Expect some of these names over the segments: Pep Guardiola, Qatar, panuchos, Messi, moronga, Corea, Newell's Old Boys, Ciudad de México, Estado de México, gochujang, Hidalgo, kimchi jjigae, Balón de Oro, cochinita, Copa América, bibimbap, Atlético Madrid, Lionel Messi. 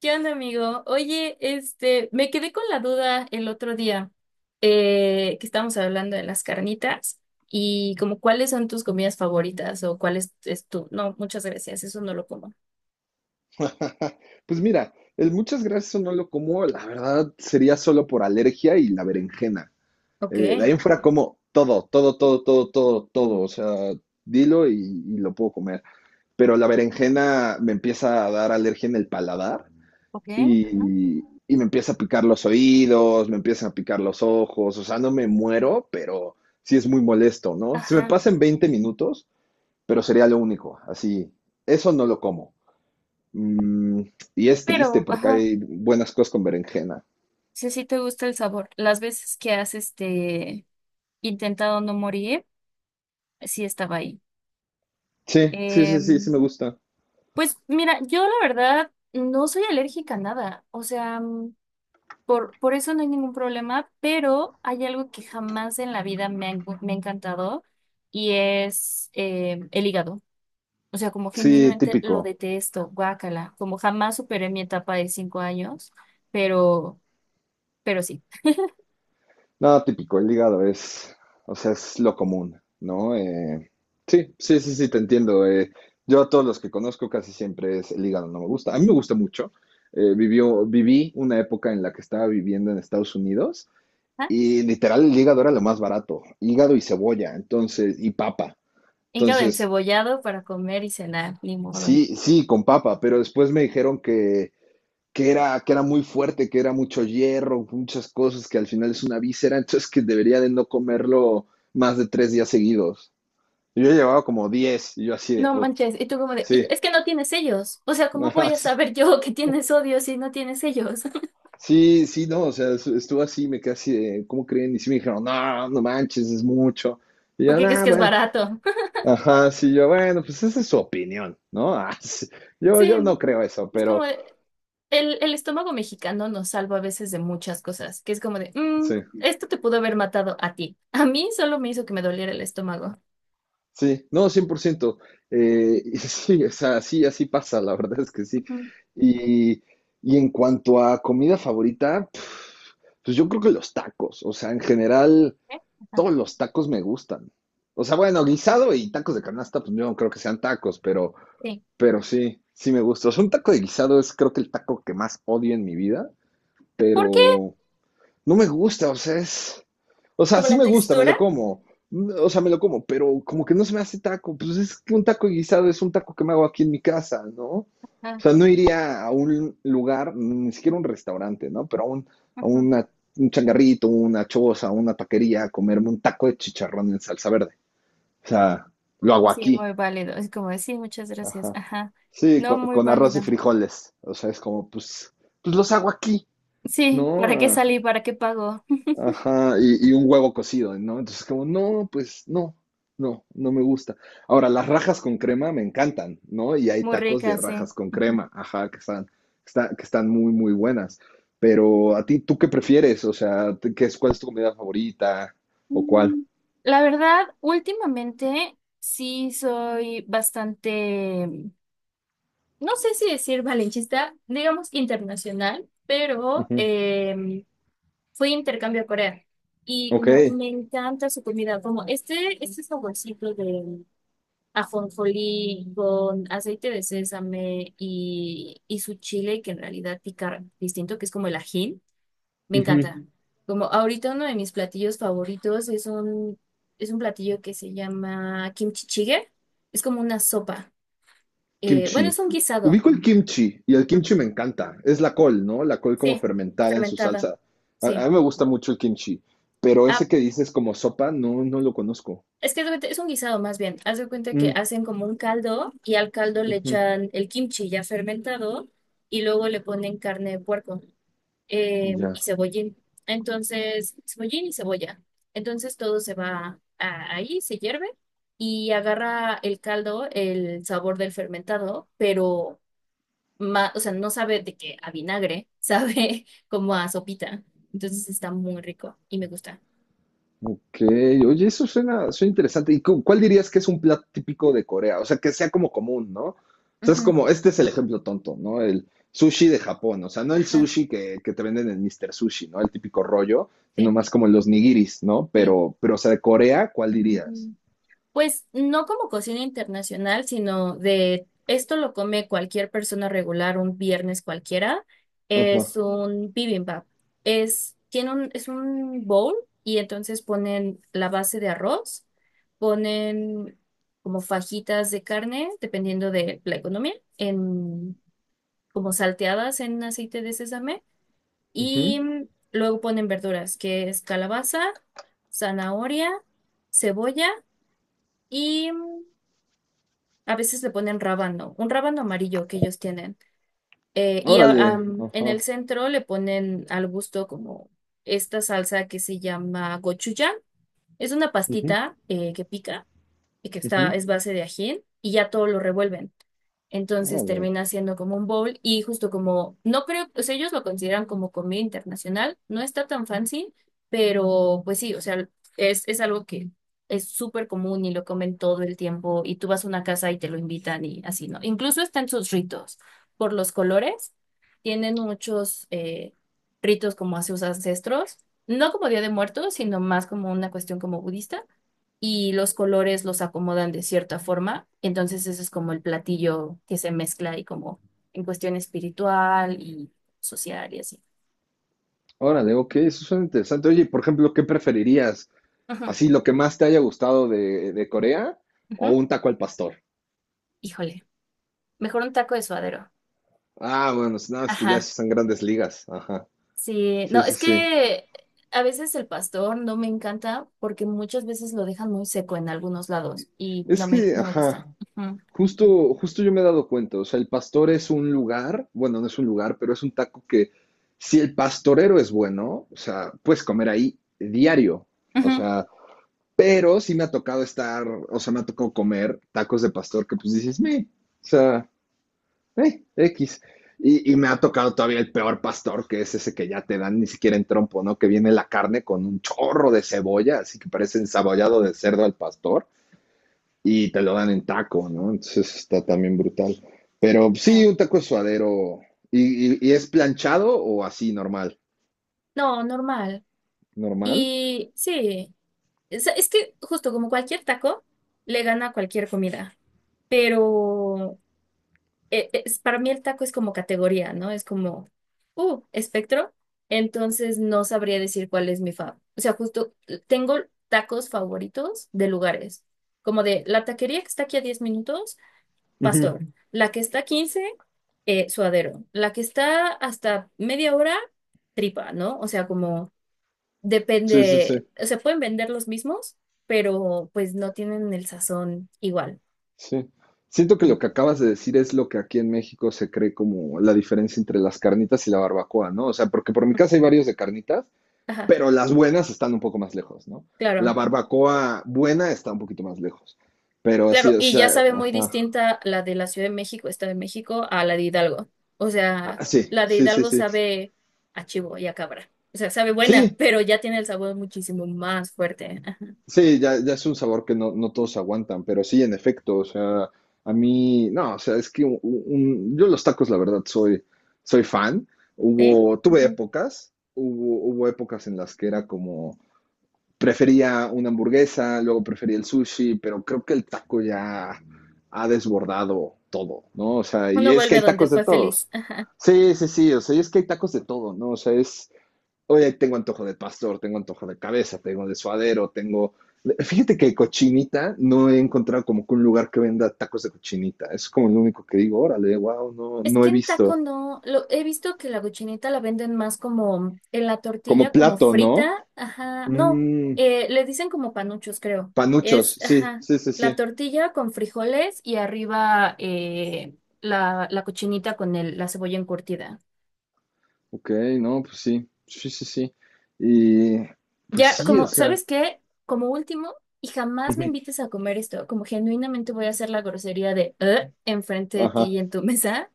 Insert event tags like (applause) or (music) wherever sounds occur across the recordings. ¿Qué onda, amigo? Oye, este, me quedé con la duda el otro día, que estábamos hablando de las carnitas y como cuáles son tus comidas favoritas o cuál es tu... No, muchas gracias, eso no lo como. (laughs) Pues mira, el muchas gracias no lo como, la verdad sería solo por alergia y la berenjena. Ok. De ahí en fuera como todo, todo, todo, todo, todo, todo. O sea, dilo y lo puedo comer. Pero la berenjena me empieza a dar alergia en el paladar Ok, y, y me empieza a picar los oídos, me empiezan a picar los ojos. O sea, no me muero, pero sí es muy molesto, ¿no? Se me ajá. pasa en 20 minutos, pero sería lo único. Así, eso no lo como. Mm, y es triste Pero, porque ajá, hay buenas cosas con berenjena. si sí te gusta el sabor. Las veces que has, este, intentado no morir, sí estaba ahí. Sí, sí, sí, sí, sí Em, me gusta. pues mira, yo la verdad no soy alérgica a nada. O sea... Por eso no hay ningún problema, pero hay algo que jamás en la vida me ha encantado y es el hígado. O sea, como Sí, genuinamente lo típico. detesto, guácala, como jamás superé mi etapa de 5 años, pero, pero sí. No, típico, el hígado es, o sea, es lo común, ¿no? Sí, sí, sí, sí, te entiendo. Yo a todos los que conozco casi siempre es el hígado, no me gusta. A mí me gusta mucho. Viví una época en la que estaba viviendo en Estados Unidos Ajá. y literal el hígado era lo más barato. Hígado y cebolla, entonces, y papa. Hígado Entonces, encebollado para comer y cenar, ni modo. sí, sí, con papa, pero después me dijeron que que era muy fuerte, que era mucho hierro, muchas cosas, que al final es una víscera, (laughs) entonces que debería de no comerlo más de 3 días seguidos. Yo llevaba como 10 y yo así de, No oh, manches, y tú como de, "Hijo, sí, es que no tienes sellos. O sea, (laughs) ¿cómo ajá, voy a sí, saber yo que tienes sodio si no tienes sellos? (laughs) sí, sí, no, o sea, estuvo así, me quedé así de, ¿cómo creen? Y sí me dijeron, no, no manches, es mucho. Y ¿Por yo, qué crees ah, que es bueno, barato? ajá, sí, yo, bueno, pues esa es su opinión, ¿no? (laughs) Ah, sí. (laughs) Yo Sí, no creo eso, es como, pero el estómago mexicano nos salva a veces de muchas cosas, que es como de, sí. "Mm, esto te pudo haber matado a ti. A mí solo me hizo que me doliera el estómago. Sí, no, 100%. Y (laughs) sí, o sea, así, así pasa, la verdad es que sí. Ujú. Y, y en cuanto a comida favorita, pf, pues yo creo que los tacos, o sea, en general, ¿Eh? Ajá. todos los tacos me gustan. O sea, bueno, guisado y tacos de canasta, pues yo no creo que sean tacos, Sí. pero sí, sí me gusta. O sea, un taco de guisado es creo que el taco que más odio en mi vida, ¿Por qué? pero no me gusta, o sea, es. O sea, Como sí la me gusta, me lo textura. como. O sea, me lo como, pero como que no se me hace taco. Pues es que un taco guisado es un taco que me hago aquí en mi casa, ¿no? O Ah, sea, no iría a un lugar, ni siquiera un restaurante, ¿no? Pero a un, a ujú. una, un changarrito, una choza, una taquería, a comerme un taco de chicharrón en salsa verde. O sea, lo Mm, hago sí, aquí. muy válido. Es como de, sí, muchas gracias. Ajá. Ajá. Sí, No, muy con arroz y válido. frijoles. O sea, es como, pues, pues los hago aquí, Sí, ¿no? ¿para qué Ah, salí? ¿Para qué pago? (laughs) ajá, y un huevo cocido, ¿no? Entonces, como, no, pues no, no me gusta. Ahora, las rajas con crema me encantan, ¿no? Y hay Muy tacos rica, de sí. rajas con Ujú. crema, ajá, que están, que están muy, muy buenas. Pero a ti, ¿tú qué prefieres? O sea, ¿cuál es tu comida favorita? ¿O cuál? Mm, La verdad, últimamente sí soy bastante, no sé si decir valencista, digamos internacional, pero Ujú, fui a intercambio a Corea y ok, como me encanta su comida, como este saborcito de ajonjolí con aceite de sésame y su chile que en realidad pica distinto, que es como el ají, me ujú. encanta. Como ahorita uno de mis platillos favoritos es un, platillo que se llama kimchi jjigae, es como una sopa. Bueno, Kimchi. es un guisado. Ubico el kimchi y el kimchi me encanta. Es la col, ¿no? La col como Sí, fermentada en su fermentada. salsa. Sí. A mí me gusta mucho el kimchi, pero Ah, ese que dices como sopa, no, no lo conozco. es que es un guisado más bien. Haz de cuenta que Mm, hacen como un caldo y al caldo le ujú, echan el kimchi ya fermentado y luego le ponen carne de puerco y ya. cebollín. Entonces, cebollín y cebolla. Entonces todo ahí, se hierve y agarra el caldo el sabor del fermentado, pero o sea, no sabe de que a vinagre, (laughs) sabe como a sopita. Entonces está muy rico y me gusta. Ok. Oye, eso suena, suena interesante. ¿Y cuál dirías que es un plato típico de Corea? O sea, que sea como común, ¿no? O sea, es como, este es el ejemplo tonto, ¿no? El sushi de Japón. O sea, no el Ajá, sushi que te venden en Mr. Sushi, ¿no? El típico rollo, sino sí, más como los nigiris, ¿no? sí. Pero, o sea, de Corea, ¿cuál dirías? Mm, Pues no como cocina internacional, sino de esto lo come cualquier persona regular un viernes cualquiera. Ajá. Es un bibimbap. Es un bowl y entonces ponen la base de arroz, ponen como fajitas de carne, dependiendo de la economía, en, como salteadas en aceite de sésamo. Y Ujú. luego ponen verduras, que es calabaza, zanahoria, cebolla y a veces le ponen rábano, un rábano amarillo que ellos tienen. Y Órale. En el Ajá. centro le ponen al gusto como esta salsa que se llama gochujang. Es una Ujú, pastita que pica y que está, ujú. es base de ají, y ya todo lo revuelven. Entonces Órale. termina siendo como un bowl y justo como, no creo, o sea, ellos lo consideran como comida internacional, no está tan fancy, pero pues sí, o sea, es algo que es súper común y lo comen todo el tiempo y tú vas a una casa y te lo invitan y así, ¿no? Incluso está en sus ritos, por los colores, tienen muchos ritos como a sus ancestros, no como Día de Muertos, sino más como una cuestión como budista y los colores los acomodan de cierta forma. Entonces ese es como el platillo que se mezcla y como en cuestión espiritual y social y así. Órale, ok, eso suena interesante. Oye, y por ejemplo, ¿qué preferirías? Ujú, ¿Así lo que más te haya gustado de Corea o ujú. un taco al pastor? Híjole, mejor un taco de suadero. Ah, bueno, no, es que ya Ajá, sí son grandes ligas. Ajá. sí, Sí, no, sí, es sí. que a veces el pastor no me encanta porque muchas veces lo dejan muy seco en algunos lados y Es no me, que, no me gusta. ajá, Ujú. justo, justo yo me he dado cuenta. O sea, el pastor es un lugar, bueno, no es un lugar, pero es un taco que si el pastorero es bueno, o sea, puedes comer ahí diario. O Ujú, sea, pero sí me ha tocado estar, o sea, me ha tocado comer tacos de pastor que pues dices, me, o sea, X. Y me ha tocado todavía el peor pastor, que es ese que ya te dan ni siquiera en trompo, ¿no? Que viene la carne con un chorro de cebolla, así que parece ensabollado de cerdo al pastor, y te lo dan en taco, ¿no? Entonces está también brutal. Pero sí. sí, un taco de suadero. Y es planchado o así normal? No, normal. ¿Normal? Y sí. Es que justo como cualquier taco, le gana a cualquier comida, pero para mí el taco es como categoría, ¿no? Es como, espectro, entonces no sabría decir cuál es mi fav. O sea, justo tengo tacos favoritos de lugares, como de la taquería que está aquí a 10 minutos, Ujú. pastor, la que está a 15, suadero, la que está hasta media hora, tripa, ¿no? O sea, como... Sí, sí, sí. Depende, o sea, pueden vender los mismos, pero pues no tienen el sazón igual. Sí. Siento que lo que acabas de decir es lo que aquí en México se cree como la diferencia entre las carnitas y la barbacoa, ¿no? O sea, porque por mi casa hay varios de carnitas, Ajá, pero las buenas están un poco más lejos, ¿no? La claro, barbacoa buena está un poquito más lejos. Pero sí, claro. o Y sea, ya sabe muy ajá. distinta la de la Ciudad de México, Estado de México, a la de Hidalgo. O sea, Ah, sí, la de sí, sí, Hidalgo sí. sabe a chivo y a cabra. O sea, sabe buena, Sí, pero ya tiene el sabor muchísimo más fuerte. Ajá, sí, ya, ya es un sabor que no, no todos aguantan, pero sí, en efecto, o sea, a mí, no, o sea, es que yo los tacos, la verdad, soy, soy fan. ¿sí? Tuve Ujú. épocas, hubo épocas en las que era como, prefería una hamburguesa, luego prefería el sushi, pero creo que el taco ya ha desbordado todo, ¿no? O sea, y Uno es que vuelve a hay donde tacos de fue todos. feliz. Sí, sí, sí, o sea, y es que hay tacos de todo, ¿no? O sea, oye, tengo antojo de pastor, tengo antojo de cabeza, tengo de suadero, tengo... Fíjate que cochinita no he encontrado como que un lugar que venda tacos de cochinita. Es como lo único que digo, órale, wow, no, Es no que he en taco visto. no, he visto que la cochinita la venden más como en la tortilla, Como como plato, ¿no? frita, ajá, no, Mm, le dicen como panuchos, creo. panuchos, Es, sí, ajá, sí, sí, la sí. tortilla con frijoles y arriba la, la cochinita con el, la cebolla encurtida. Ok, no, pues sí, sí, sí, sí. Y pues Ya, sí, o como, sea, ¿sabes qué? Como último, y jamás me ujú, invites a comer esto, como genuinamente voy a hacer la grosería de enfrente de ti ajá, y en tu (laughs) mesa,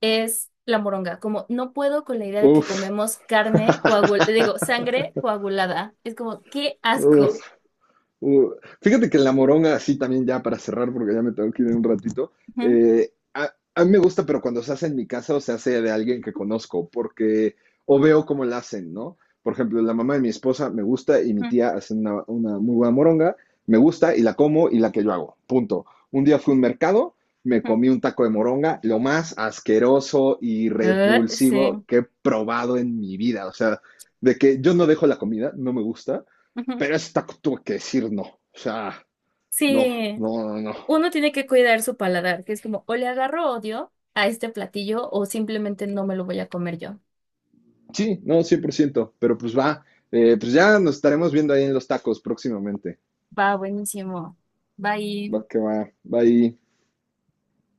es la moronga. Como no puedo con la idea de que uf, comemos carne coagulada, digo, sangre coagulada. Es como, qué uf. asco. Uh, fíjate que en la moronga, así también ya para cerrar, porque ya me tengo que ir en un ratito, Ujú, a mí me gusta, pero cuando se hace en mi casa o se hace de alguien que conozco, porque o veo cómo la hacen, ¿no? Por ejemplo, la mamá de mi esposa me gusta y mi ujú, tía hace una muy buena moronga, me gusta y la como y la que yo hago, punto. Un día fui a un mercado, me ujú, comí un taco de moronga, lo más asqueroso y repulsivo sí. que he probado en mi vida, o sea, de que yo no dejo la comida, no me gusta, Ujú. pero esta tuve que decir no. O sea, no, Sí, no, no, no. uno tiene que cuidar su paladar, que es como, o le agarro odio a este platillo o simplemente no me lo voy a comer yo. Sí, no, 100%, pero pues va, pues ya nos estaremos viendo ahí en los tacos próximamente. Va, buenísimo. Va Bye. que va, va ahí